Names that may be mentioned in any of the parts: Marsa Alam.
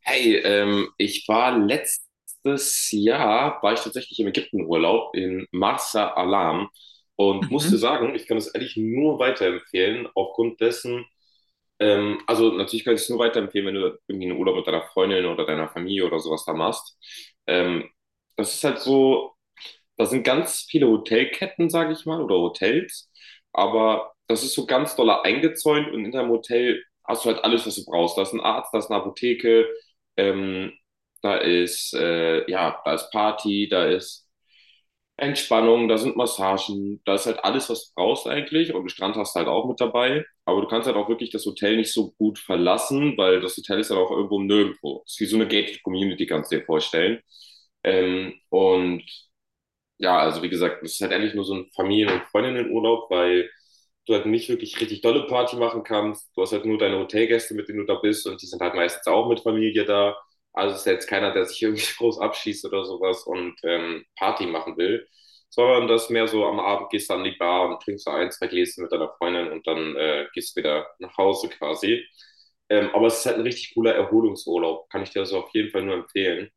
Hey, ich war letztes Jahr, war ich tatsächlich im Ägyptenurlaub in Marsa Alam und musste Mhm, sagen, ich kann es eigentlich nur weiterempfehlen, aufgrund dessen, also natürlich kann ich es nur weiterempfehlen, wenn du irgendwie einen Urlaub mit deiner Freundin oder deiner Familie oder sowas da machst. Ähm, Das ist halt so. Da sind ganz viele Hotelketten, sage ich mal, oder Hotels, aber das ist so ganz doll eingezäunt und in deinem Hotel hast du halt alles, was du brauchst. Da ist ein Arzt, da ist eine Apotheke, ähm, da ist, ja, da ist Party, da ist Entspannung, da sind Massagen, da ist halt alles, was du brauchst eigentlich und einen Strand hast du halt auch mit dabei. Aber du kannst halt auch wirklich das Hotel nicht so gut verlassen, weil das Hotel ist halt auch irgendwo nirgendwo. Es ist wie so eine Gated Community, kannst du dir vorstellen. Ähm, und ja, also wie gesagt, es ist halt eigentlich nur so ein Familien- und Freundinnenurlaub, weil du halt nicht wirklich richtig dolle Party machen kannst. Du hast halt nur deine Hotelgäste, mit denen du da bist und die sind halt meistens auch mit Familie da. Also es ist ja jetzt keiner, der sich irgendwie groß abschießt oder sowas und Party machen will, sondern das mehr so am Abend gehst du an die Bar und trinkst so ein, zwei Gläschen mit deiner Freundin und dann gehst du wieder nach Hause quasi. Aber es ist halt ein richtig cooler Erholungsurlaub, kann ich dir so also auf jeden Fall nur empfehlen.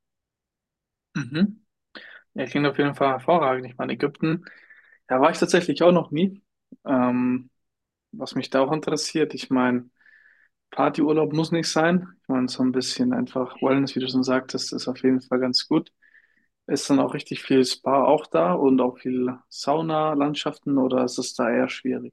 mhm. Ja, klingt auf jeden Fall hervorragend. Ich meine, Ägypten, da war ich tatsächlich auch noch nie. Ähm, Was mich da auch interessiert, ich meine, Partyurlaub muss nicht sein. Ich meine, so ein bisschen einfach Wellness, wie du schon sagtest, ist auf jeden Fall ganz gut. Ist dann auch richtig viel Spa auch da und auch viel Sauna-Landschaften oder ist es da eher schwierig?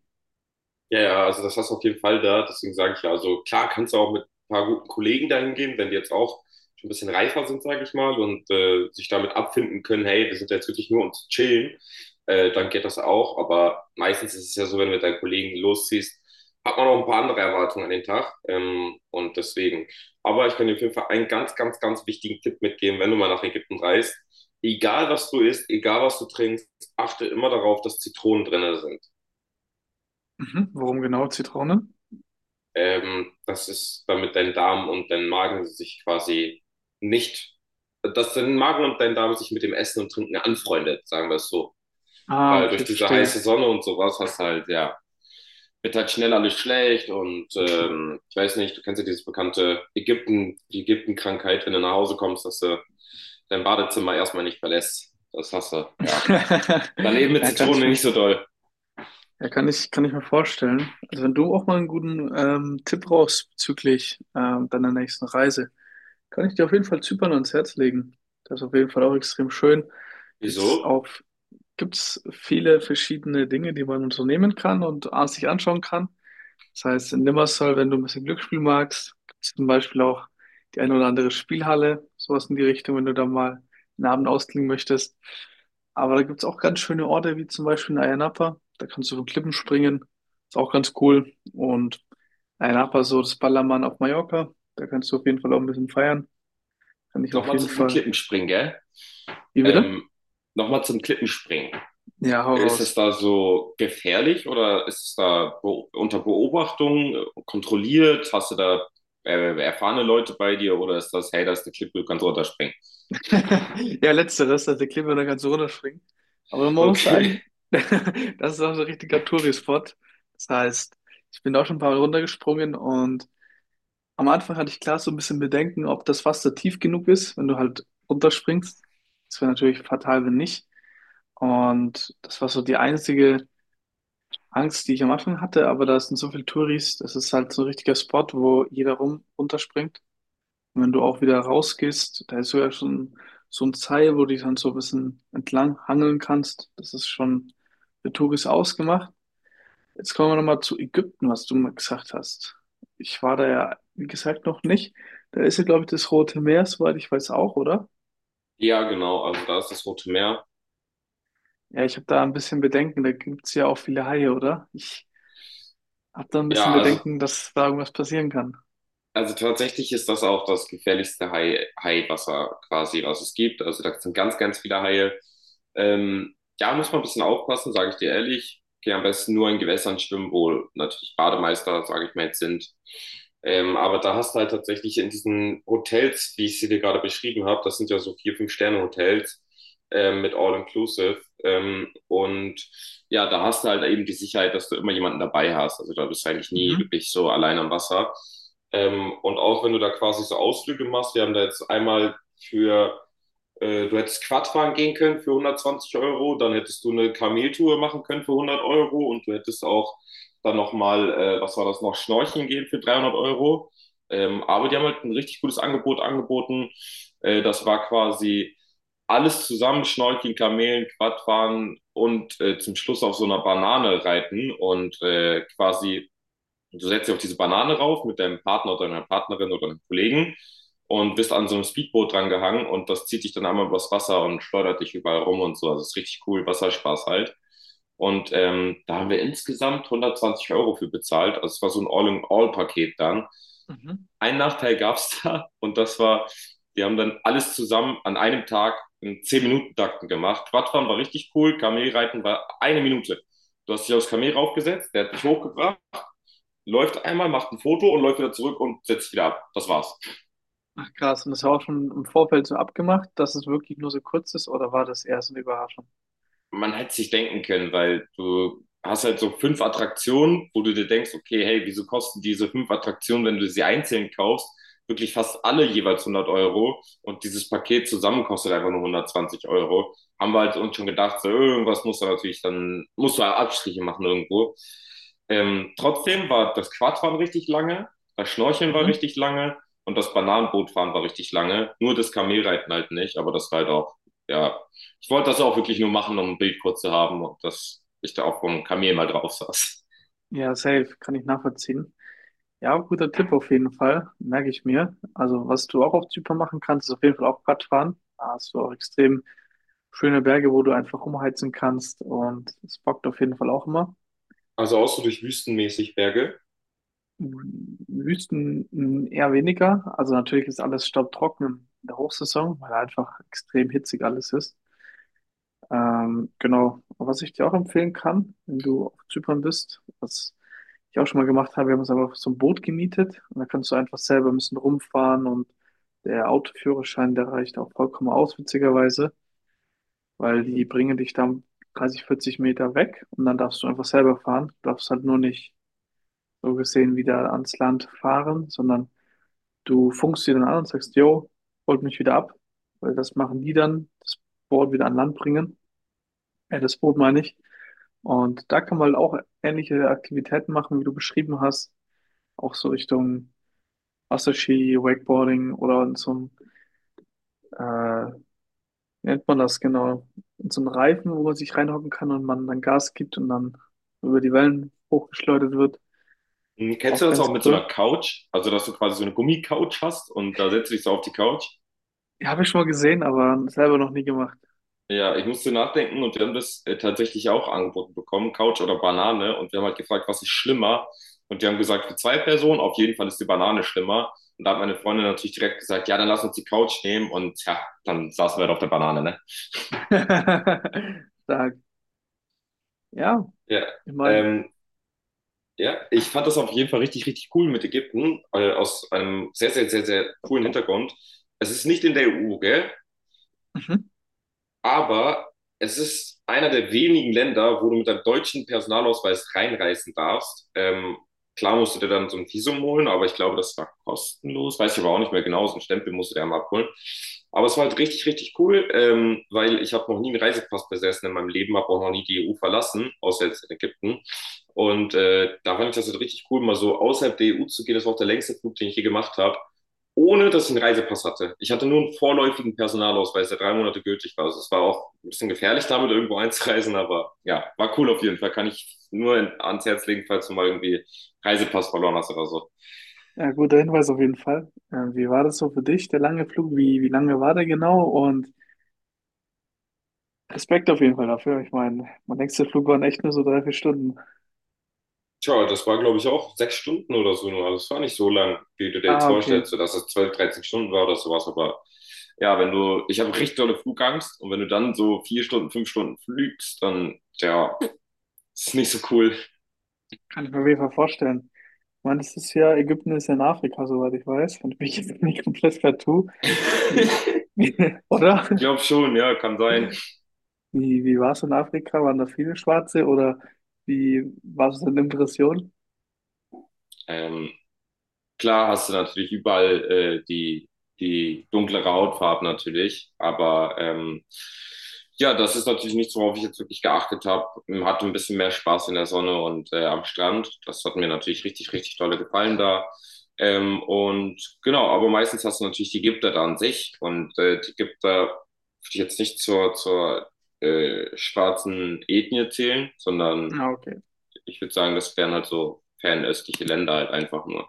Ja, ja, also das hast du auf jeden Fall da. Deswegen sage ich ja, also klar kannst du auch mit ein paar guten Kollegen dahin gehen, wenn die jetzt auch schon ein bisschen reifer sind, sage ich mal, und sich damit abfinden können, hey, wir sind jetzt wirklich nur um zu chillen, dann geht das auch. Aber meistens ist es ja so, wenn du mit deinen Kollegen losziehst, hat man auch ein paar andere Erwartungen an den Tag. Und deswegen. Aber ich kann dir auf jeden Fall einen ganz, ganz, ganz wichtigen Tipp mitgeben, wenn du mal nach Ägypten reist. Egal was du isst, egal was du trinkst, achte immer darauf, dass Zitronen drin sind. Mhm. Warum genau Zitrone? Das ist, damit dein Darm und dein Magen sich quasi nicht, dass dein Magen und dein Darm sich mit dem Essen und Trinken anfreundet, sagen wir es so. Ah, Weil durch okay, diese verstehe. heiße Sonne und sowas hast halt, ja, wird halt schnell alles schlecht und ich weiß nicht, du kennst ja dieses bekannte Ägypten, die ägypten wenn du nach Hause kommst, dass du dein Badezimmer erstmal nicht verlässt. Das hast du, ja. Dann eben mit Ja, kann ich Zitrone nicht so doll. Ja, kann ich mir vorstellen. Also wenn du auch mal einen guten Tipp brauchst bezüglich deiner nächsten Reise, kann ich dir auf jeden Fall Zypern ans Herz legen. Das ist auf jeden Fall auch extrem schön. Gibt's Wieso? auch, gibt's viele verschiedene Dinge, die man unternehmen kann und sich anschauen kann. Das heißt, in Limassol, wenn du ein bisschen Glücksspiel magst, gibt es zum Beispiel auch die eine oder andere Spielhalle, sowas in die Richtung, wenn du da mal einen Abend ausklingen möchtest. Aber da gibt es auch ganz schöne Orte, wie zum Beispiel in Ayia Napa. Da kannst du von Klippen springen. Ist auch ganz cool. Und Ayia Napa, so das Ballermann auf Mallorca. Da kannst du auf jeden Fall auch ein bisschen feiern. Kann ich auf Nochmal zu jeden diesem Fall. Klippenspringen, gell? Wie bitte? Ähm, Nochmal zum Klippenspringen. Ja, hau Ist raus. es da so gefährlich oder ist es da be unter Beobachtung kontrolliert? Hast du da erfahrene Leute bei dir oder ist das, hey, da ist eine Klippe, du kannst runterspringen? Ja, letzteres, also der Kleber kann so runterspringen. Aber man muss Okay. sagen, das ist auch so ein richtiger Touri-Spot. Das heißt, ich bin da auch schon ein paar Mal runtergesprungen und am Anfang hatte ich klar so ein bisschen Bedenken, ob das Wasser tief genug ist, wenn du halt runterspringst. Das wäre natürlich fatal, wenn nicht. Und das war so die einzige Angst, die ich am Anfang hatte, aber da sind so viele Touris, das ist halt so ein richtiger Spot, wo jeder rum runterspringt. Und wenn du auch wieder rausgehst, da ist sogar schon so ein Seil, wo du dich dann so ein bisschen entlang hangeln kannst. Das ist schon für Touris ausgemacht. Jetzt kommen wir nochmal zu Ägypten, was du mal gesagt hast. Ich war da ja, wie gesagt, noch nicht. Da ist ja, glaube ich, das Rote Meer, soweit ich weiß auch, oder? Ja, genau, also da ist das Rote Meer. Ja, ich habe da ein bisschen Bedenken. Da gibt es ja auch viele Haie, oder? Ich habe da ein bisschen Ja, also Bedenken, dass da irgendwas passieren kann. Also tatsächlich ist das auch das gefährlichste Haiwasser quasi, was es gibt. Also da sind ganz, ganz viele Haie. Ähm, ja, muss man ein bisschen aufpassen, sage ich dir ehrlich. Geh am besten nur in Gewässern schwimmen, wo natürlich Bademeister, sage ich mal, jetzt sind. Aber da hast du halt tatsächlich in diesen Hotels, wie ich sie dir gerade beschrieben habe, das sind ja so vier, fünf Sterne Hotels, mit All Inclusive. Ja, da hast du halt eben die Sicherheit, dass du immer jemanden dabei hast. Also da bist du eigentlich nie Mhm. wirklich so allein am Wasser. Und auch wenn du da quasi so Ausflüge machst, wir haben da jetzt einmal für, du hättest Quad fahren gehen können für 120 Euro, dann hättest du eine Kameltour machen können für 100 Euro und du hättest auch dann nochmal, was war das noch, Schnorcheln gehen für 300 Euro. Aber die haben halt ein richtig gutes Angebot angeboten. Das war quasi alles zusammen, Schnorcheln, Kamelen, Quadfahren und zum Schluss auf so einer Banane reiten und quasi. Du setzt dich auf diese Banane rauf mit deinem Partner oder deiner Partnerin oder deinem Kollegen und bist an so einem Speedboot dran gehangen und das zieht dich dann einmal übers Wasser und schleudert dich überall rum und so. Also es ist richtig cool, Wasserspaß halt. Und da haben wir insgesamt 120 Euro für bezahlt. Also es war so ein All-in-All-Paket dann. Mhm. Ein Nachteil gab es da und das war, die haben dann alles zusammen an einem Tag in 10 Minuten takten gemacht. Quadfahren war richtig cool, Kamelreiten war eine Minute. Du hast dich aufs Kamel raufgesetzt, der hat dich hochgebracht, läuft einmal, macht ein Foto und läuft wieder zurück und setzt sich wieder ab. Das war's. Ach krass, und das war auch schon im Vorfeld so abgemacht, dass es wirklich nur so kurz ist, oder war das eher so eine Überraschung? Man hätte sich denken können, weil du hast halt so fünf Attraktionen, wo du dir denkst, okay, hey, wieso kosten diese fünf Attraktionen, wenn du sie einzeln kaufst, wirklich fast alle jeweils 100 Euro und dieses Paket zusammen kostet einfach nur 120 Euro. Haben wir halt uns schon gedacht, so, irgendwas muss da natürlich dann, musst du halt Abstriche machen irgendwo. Trotzdem war das Quadfahren richtig lange, das Schnorcheln war Mhm. richtig lange und das Bananenbootfahren war richtig lange. Nur das Kamelreiten halt nicht, aber das war halt auch, ja, ich wollte das auch wirklich nur machen, um ein Bild kurz zu haben und dass ich da auch einem Kamel mal drauf saß. Ja, safe, kann ich nachvollziehen. Ja, guter Tipp auf jeden Fall, merke ich mir. Also, was du auch auf Zypern machen kannst, ist auf jeden Fall auch Radfahren. Da hast du auch extrem schöne Berge, wo du einfach umheizen kannst und es bockt auf jeden Fall auch immer. Also auch so durch wüstenmäßig Berge. Wüsten m, eher weniger. Also, natürlich ist alles staubtrocken in der Hochsaison, weil einfach extrem hitzig alles ist. Genau. Und was ich dir auch empfehlen kann, wenn du auf Zypern bist, was ich auch schon mal gemacht habe, wir haben uns einfach so ein Boot gemietet und da kannst du einfach selber ein bisschen rumfahren und der Autoführerschein, der reicht auch vollkommen aus, witzigerweise, weil Mhm. die bringen dich dann 30, 40 Meter weg und dann darfst du einfach selber fahren. Du darfst halt nur nicht so gesehen wieder ans Land fahren, sondern du funkst sie dann an und sagst, yo, holt mich wieder ab, weil das machen die dann, das Boot wieder an Land bringen. Das Boot meine ich. Und da kann man halt auch ähnliche Aktivitäten machen, wie du beschrieben hast, auch so Richtung Wasserski, Wakeboarding oder in so einem, äh, wie nennt man das genau, in so einem Reifen, wo man sich reinhocken kann und man dann Gas gibt und dann über die Wellen hochgeschleudert wird. Kennst du Auch das auch ganz mit so einer cool. Couch? Also, dass du quasi so eine Gummicouch hast und da setzt du dich so auf die Couch. Ja, habe ich schon mal gesehen, aber selber noch nie gemacht. Ja, ich musste nachdenken und wir haben das tatsächlich auch angeboten bekommen, Couch oder Banane. Und wir haben halt gefragt, was ist schlimmer? Und die haben gesagt, für zwei Personen, auf jeden Fall ist die Banane schlimmer. Und da hat meine Freundin natürlich direkt gesagt, ja, dann lass uns die Couch nehmen. Und ja, dann saßen wir halt auf der Banane, ne? Stark. Ja, Ja, ich meine, ähm, Ja, ich fand das auf jeden Fall richtig, richtig cool mit Ägypten, aus einem sehr, sehr, sehr, sehr coolen Hintergrund. Es ist nicht in der EU, gell? mhm, Aber es ist einer der wenigen Länder, wo du mit deinem deutschen Personalausweis reinreisen darfst. Klar musst du dir dann so ein Visum holen, aber ich glaube, das war kostenlos. Weiß ich aber auch nicht mehr genau. So einen Stempel musst du dir einmal abholen. Aber es war halt richtig, richtig cool, weil ich habe noch nie einen Reisepass besessen in meinem Leben, habe auch noch nie die EU verlassen, außer jetzt in Ägypten. Und da fand ich das halt richtig cool, mal so außerhalb der EU zu gehen. Das war auch der längste Flug, den ich je gemacht habe ohne dass ich einen Reisepass hatte. Ich hatte nur einen vorläufigen Personalausweis, der 3 Monate gültig war. Also es war auch ein bisschen gefährlich, damit irgendwo einzureisen, aber ja, war cool auf jeden Fall. Kann ich nur ans Herz legen, falls du mal irgendwie Reisepass verloren hast oder so. ja, guter Hinweis auf jeden Fall. Wie war das so für dich, der lange Flug? Wie lange war der genau? Und Respekt auf jeden Fall dafür. Ich meine, mein nächster Flug waren echt nur so drei, vier Stunden. Tja, das war, glaube ich, auch 6 Stunden oder so nur. Also es war nicht so lang, wie du dir jetzt Ah, okay. vorstellst, so dass es 12, 13 Stunden war oder sowas. Aber ja, wenn du, ich habe richtig dolle Flugangst und wenn du dann so 4 Stunden, 5 Stunden fliegst, dann, ja, ist nicht so cool. Kann ich mir auf jeden Fall vorstellen. Ich meine, das ist ja, Ägypten ist ja in Afrika, soweit ich weiß. Und ich bin jetzt nicht komplett partout. Wie- Ich Oder? glaube schon, ja, kann sein. Wie war es in Afrika? Waren da viele Schwarze oder wie war es in Impression? Ähm, Klar hast du natürlich überall die dunklere Hautfarbe natürlich, aber ja, das ist natürlich nichts, worauf ich jetzt wirklich geachtet habe. Hatte ein bisschen mehr Spaß in der Sonne und am Strand. Das hat mir natürlich richtig, richtig tolle gefallen da. Und genau, aber meistens hast du natürlich die Gipter da an sich und die Gipter würde ich jetzt nicht zur schwarzen Ethnie zählen, sondern Ah, okay. ich würde sagen, das wären halt so fernöstliche Länder halt einfach nur.